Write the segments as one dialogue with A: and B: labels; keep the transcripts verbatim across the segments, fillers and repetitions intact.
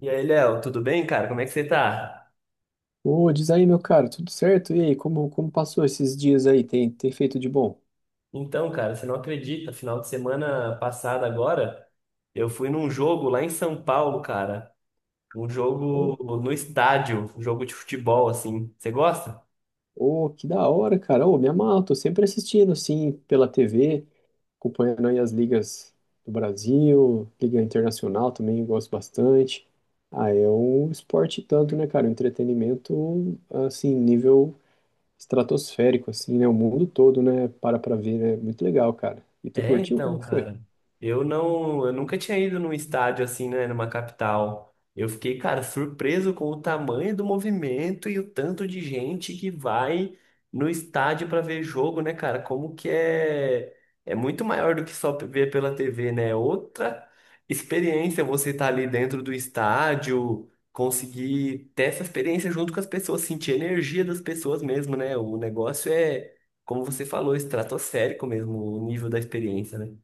A: E aí, Léo, tudo bem, cara? Como é que você tá?
B: Ô, diz aí, meu cara, tudo certo? E aí, como, como passou esses dias aí? Tem, tem feito de bom?
A: Então, cara, você não acredita, final de semana passada agora, eu fui num jogo lá em São Paulo, cara. Um
B: Ô,
A: jogo no estádio, um jogo de futebol, assim. Você gosta?
B: ô, que da hora, cara. Ô, me amarro, tô sempre assistindo, assim, pela T V, acompanhando aí as ligas do Brasil, liga internacional também, gosto bastante. Ah, é um esporte tanto, né, cara? Um entretenimento, assim, nível estratosférico, assim, né? O mundo todo, né? Para pra ver, né? Muito legal, cara. E tu
A: É,
B: curtiu?
A: então,
B: Como que foi?
A: cara, eu não, eu nunca tinha ido num estádio assim, né, numa capital. Eu fiquei, cara, surpreso com o tamanho do movimento e o tanto de gente que vai no estádio pra ver jogo, né, cara? Como que é, é muito maior do que só ver pela T V, né? É outra experiência você estar ali dentro do estádio, conseguir ter essa experiência junto com as pessoas, sentir a energia das pessoas mesmo, né? O negócio é como você falou, estratosférico mesmo o nível da experiência, né?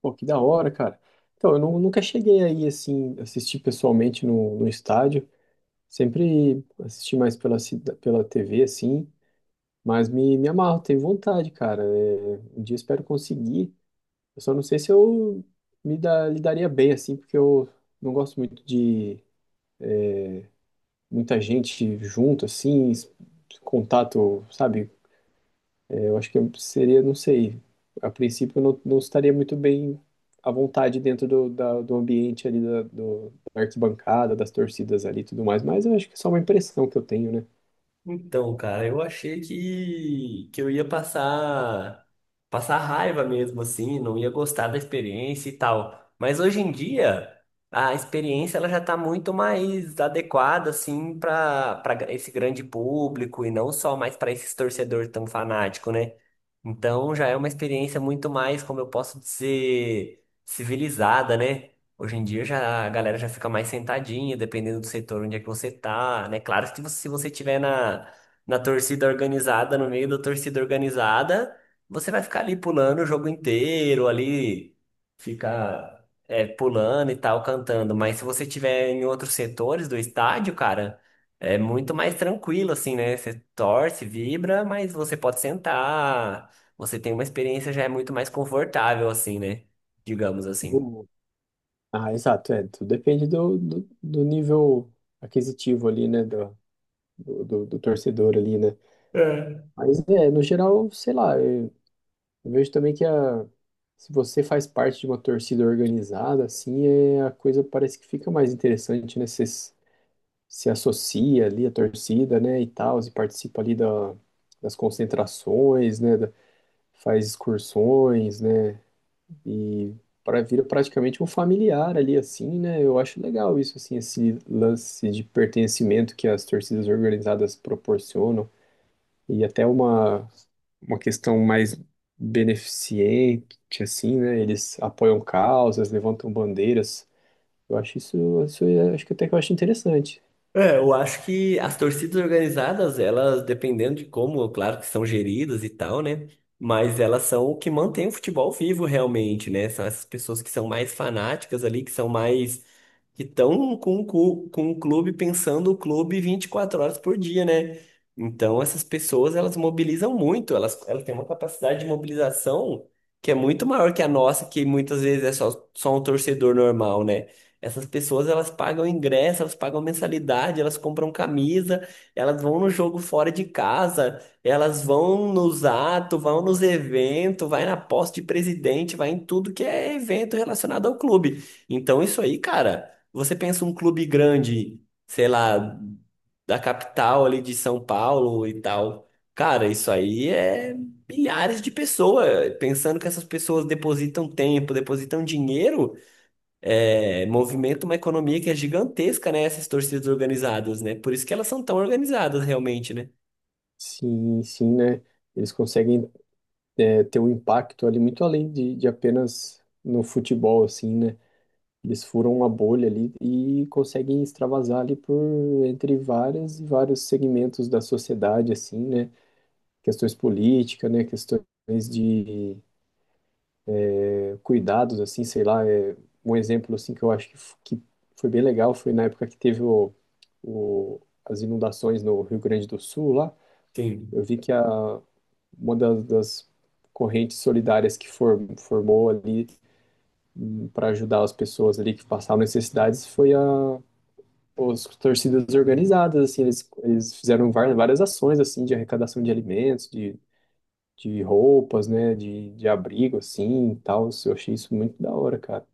B: Pô, que da hora, cara. Então, eu nu- nunca cheguei aí, assim, assistir pessoalmente no, no estádio. Sempre assisti mais pela, cida- pela T V, assim. Mas me, me amarro, tenho vontade, cara. É, um dia espero conseguir. Eu só não sei se eu me dá, lidaria bem, assim, porque eu não gosto muito de muita gente junto, assim, es- contato, sabe? Eu acho que seria, não sei, a princípio eu não, não estaria muito bem à vontade dentro do, da- do ambiente ali da, do- da arquibancada, das torcidas ali e tudo mais, mas eu acho que é só uma impressão que eu tenho, né?
A: Então, cara, eu achei que, que eu ia passar passar raiva mesmo, assim, não ia gostar da experiência e tal. Mas hoje em dia, a experiência ela já está muito mais adequada, assim, para para esse grande público e não só mais para esses torcedores tão fanáticos, né? Então, já é uma experiência muito mais, como eu posso dizer, civilizada, né? Hoje em dia já, a galera já fica mais sentadinha, dependendo do setor onde é que você tá, né? Claro que você- se você tiver na, na torcida organizada, no meio da torcida organizada, você vai ficar ali pulando o jogo inteiro, ali ficar é, pulando e tal, cantando. Mas se você tiver em outros setores do estádio, cara, é muito mais tranquilo, assim, né? Você torce, vibra, mas você pode sentar, você tem uma experiência já é muito mais confortável, assim, né? Digamos assim.
B: Do- Ah, exato, é, tudo depende do, do, do nível aquisitivo ali, né, do, do, do- do torcedor ali, né?
A: É.
B: Mas, é, no geral, sei lá, eu eu vejo também que a, se você faz parte de uma torcida organizada, assim, é, a coisa parece que fica mais interessante, né? Vocês- se associa ali à torcida, né, e tal, e participa ali da, das concentrações, né, da- faz excursões, né, e para vira praticamente um familiar ali, assim, né, eu acho legal isso, assim, esse lance de pertencimento que as torcidas organizadas proporcionam, e até uma, uma questão mais beneficente, assim, né, eles apoiam causas, levantam bandeiras, eu acho isso, isso é- acho que até que eu acho interessante.
A: É, eu acho que as torcidas organizadas, elas, dependendo de como, claro que são geridas e tal, né? Mas elas são o que mantém o futebol vivo realmente, né? São essas pessoas que são mais fanáticas ali, que são mais que estão com, o cu- com o clube, pensando o clube vinte e quatro horas por dia, né? Então, essas pessoas, elas mobilizam muito, elas, elas têm uma capacidade de mobilização que é muito maior que a nossa, que muitas vezes é só, só um torcedor normal, né? Essas pessoas, elas pagam ingresso, elas pagam mensalidade, elas compram camisa, elas vão no jogo fora de casa, elas vão nos atos, vão nos eventos, vai na posse de presidente, vai em tudo que é evento relacionado ao clube. Então, isso aí, cara. Você pensa um clube grande, sei lá, da capital ali de São Paulo e tal. Cara, isso aí é milhares de pessoas. Pensando que essas pessoas depositam tempo, depositam dinheiro, é, movimenta uma economia que é gigantesca, né? Essas torcidas organizadas, né? Por isso que elas são tão organizadas realmente, né?
B: Sim, sim, né? Eles conseguem é, ter um impacto ali muito além de, de apenas no futebol, assim, né? Eles furam uma bolha ali e conseguem extravasar ali por entre várias e vários segmentos da sociedade, assim, né? Questões políticas, né? Questões de é, cuidados, assim, sei lá. É, um exemplo, assim, que eu acho que, f- que foi bem legal foi na época que teve o, o, as inundações no Rio Grande do Sul lá.
A: Sim.
B: Eu vi que a, uma das, das correntes solidárias que for- formou ali para ajudar as pessoas ali que passavam necessidades foi a os torcidas organizadas assim eles, eles fizeram var- várias ações assim de arrecadação de alimentos de, de roupas, né, de, de abrigo assim e tal, eu achei isso muito da hora, cara.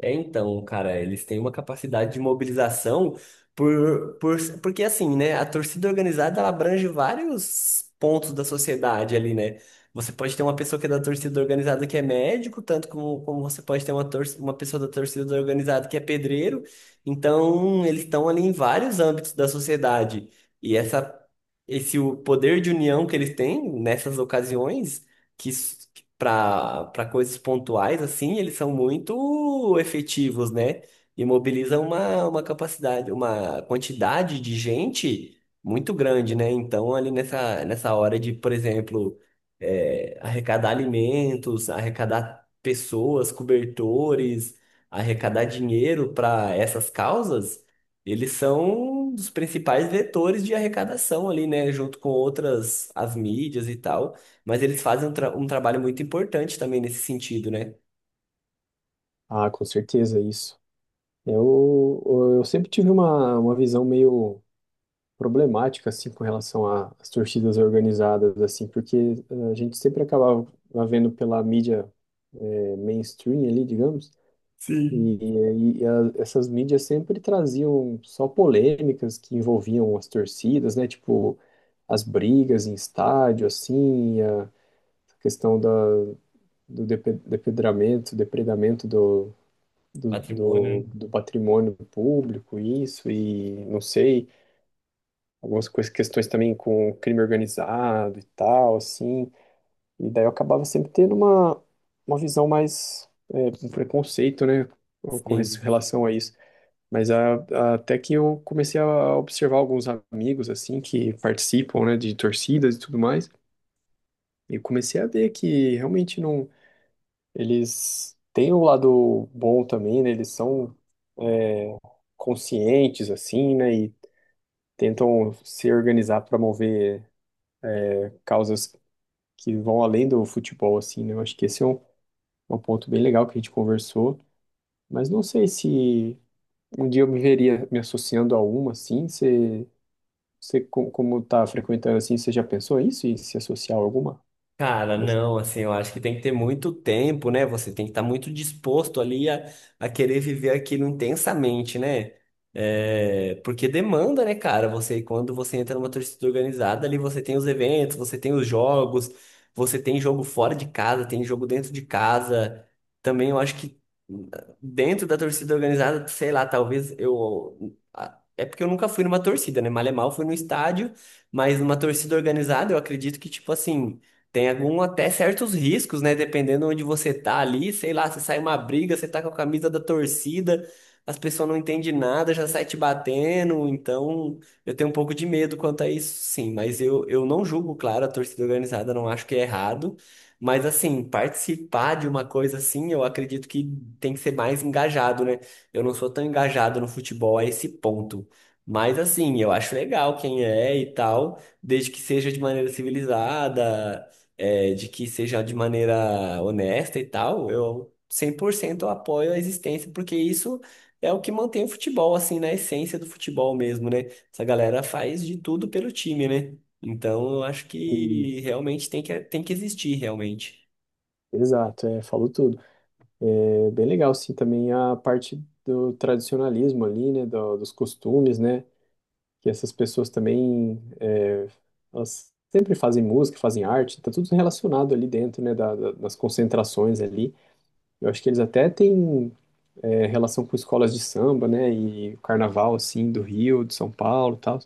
A: É, então, cara, eles têm uma capacidade de mobilização por, por, porque assim, né, a torcida organizada ela abrange vários pontos da sociedade ali, né? Você pode ter uma pessoa que é da torcida organizada que é médico, tanto como, como você pode ter uma, tor uma pessoa da torcida organizada que é pedreiro. Então, eles estão ali em vários âmbitos da sociedade. E essa, esse o poder de união que eles têm nessas ocasiões, que para para coisas pontuais, assim, eles são muito efetivos, né? E mobilizam uma, uma capacidade, uma quantidade de gente muito grande, né? Então, ali nessa, nessa hora de, por exemplo, é, arrecadar alimentos, arrecadar pessoas, cobertores, arrecadar dinheiro para essas causas, eles são um dos principais vetores de arrecadação ali, né? Junto com outras, as mídias e tal. Mas eles fazem um, tra- um trabalho muito importante também nesse sentido, né?
B: Ah, com certeza, isso. eu eu sempre tive uma, uma visão meio problemática assim com relação a- às torcidas organizadas assim, porque eh, a gente sempre acabava vendo pela mídia eh, mainstream ali, digamos, e,
A: Sim.
B: e e a- essas mídias sempre traziam só polêmicas que envolviam as torcidas, né? Tipo as brigas em estádio assim, e a questão da, do depe- depedramento, depredamento do do,
A: Patrimônio,
B: do,
A: né?
B: do patrimônio público, isso, e não sei, algumas coisas, questões também com crime organizado e tal, assim. E daí eu acabava sempre tendo uma, uma visão mais, é, um preconceito, né, com res-
A: Sim.
B: relação a isso. Mas a- a- até que eu comecei a observar alguns amigos, assim, que participam, né, de torcidas e tudo mais, e comecei a ver que realmente não, eles têm um lado bom também, né, eles são conscientes, assim, né, e tentam se organizar para mover causas que vão além do futebol, assim, né? Eu acho que esse é um, um ponto bem legal que a gente conversou, mas não sei se um dia eu me veria me associando a uma, assim, você, você co- como tá frequentando, assim, você já pensou isso e se associar a alguma
A: Cara,
B: dessa?
A: não, assim, eu acho que tem que ter muito tempo, né? Você tem que estar muito disposto ali a, a querer viver aquilo intensamente, né? É, porque demanda, né, cara? Você, quando você entra numa torcida organizada, ali você tem os eventos, você tem os jogos, você tem jogo fora de casa, tem jogo dentro de casa. Também eu acho que hum, dentro da torcida organizada, sei lá, talvez eu. a- É porque eu nunca fui numa torcida, né? Mal é mal, fui no estádio, mas numa torcida organizada, eu acredito que, tipo assim. Tem algum até certos riscos, né? Dependendo onde você tá ali, sei lá, se sai uma briga, você tá com a camisa da torcida, as pessoas não entendem nada, já sai te batendo, então eu tenho um pouco de medo quanto a isso, sim, mas eu, eu não julgo, claro, a torcida organizada, não acho que é errado, mas assim, participar de uma coisa assim, eu acredito que tem que ser mais engajado, né? Eu não sou tão engajado no futebol a esse ponto. Mas assim, eu acho legal quem é e tal, desde que seja de maneira civilizada, é, de que seja de maneira honesta e tal, eu cem por cento apoio a existência, porque isso é o que mantém o futebol, assim, na essência do futebol mesmo, né? Essa galera faz de tudo pelo time, né? Então, eu acho
B: Hum,
A: que realmente tem que, tem que existir, realmente.
B: Exato, é, falou tudo. É bem legal, sim, também a parte do tradicionalismo ali, né, do- dos costumes, né, que essas pessoas também, é, elas sempre fazem música, fazem arte, tá tudo relacionado ali dentro, né, da, da- das concentrações ali. Eu acho que eles até têm é, relação com escolas de samba, né? E o carnaval, assim, do Rio, de São Paulo e tal.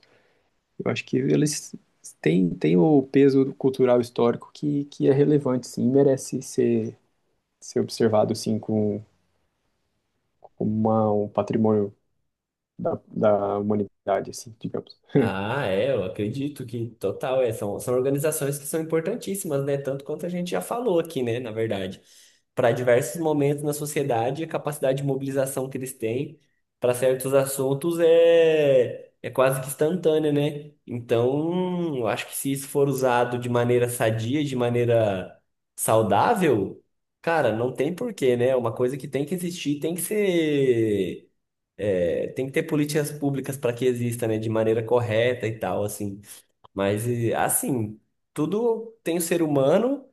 B: Eu acho que eles têm, têm o peso cultural histórico que, que é relevante, sim, e merece ser, ser observado, assim, com, como uma- um patrimônio da, da humanidade, assim, digamos.
A: Ah, é, eu acredito que total, é, são, são organizações que são importantíssimas, né? Tanto quanto a gente já falou aqui, né, na verdade. Para diversos momentos na sociedade, a capacidade de mobilização que eles têm para certos assuntos é, é quase que instantânea, né? Então, eu acho que se isso for usado de maneira sadia, de maneira saudável, cara, não tem porquê, né? É uma coisa que tem que existir, tem que ser é, tem que ter políticas públicas para que exista, né, de maneira correta e tal, assim. Mas, e, assim, tudo tem o ser humano,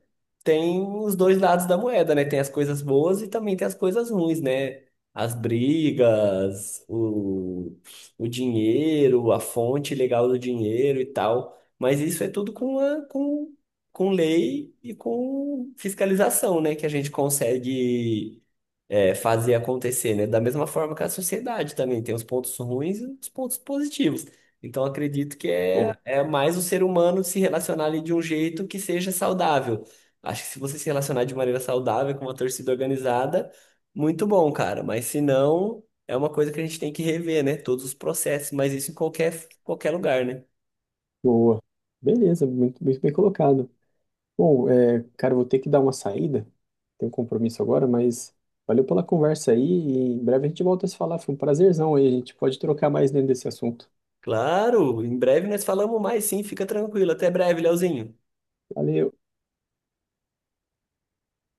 A: tem os dois lados da moeda, né? Tem as coisas boas e também tem as coisas ruins, né? As brigas, o, o dinheiro, a fonte legal do dinheiro e tal. Mas isso é tudo com, a, com, com lei e com fiscalização, né? Que a gente consegue é, fazer acontecer, né? Da mesma forma que a sociedade também tem os pontos ruins e os pontos positivos. Então, acredito que é,
B: Boa,
A: é mais o ser humano se relacionar ali de um jeito que seja saudável. Acho que se você se relacionar de maneira saudável com uma torcida organizada, muito bom, cara. Mas se não, é uma coisa que a gente tem que rever, né? Todos os processos, mas isso em qualquer, qualquer lugar, né?
B: boa. Beleza, muito, muito bem colocado. Bom, é, cara, eu vou ter que dar uma saída. Tenho um compromisso agora, mas valeu pela conversa aí. E em breve a gente volta a se falar. Foi um prazerzão aí. A gente pode trocar mais dentro desse assunto.
A: Claro, em breve nós falamos mais, sim, fica tranquilo. Até breve, Leozinho.
B: Valeu.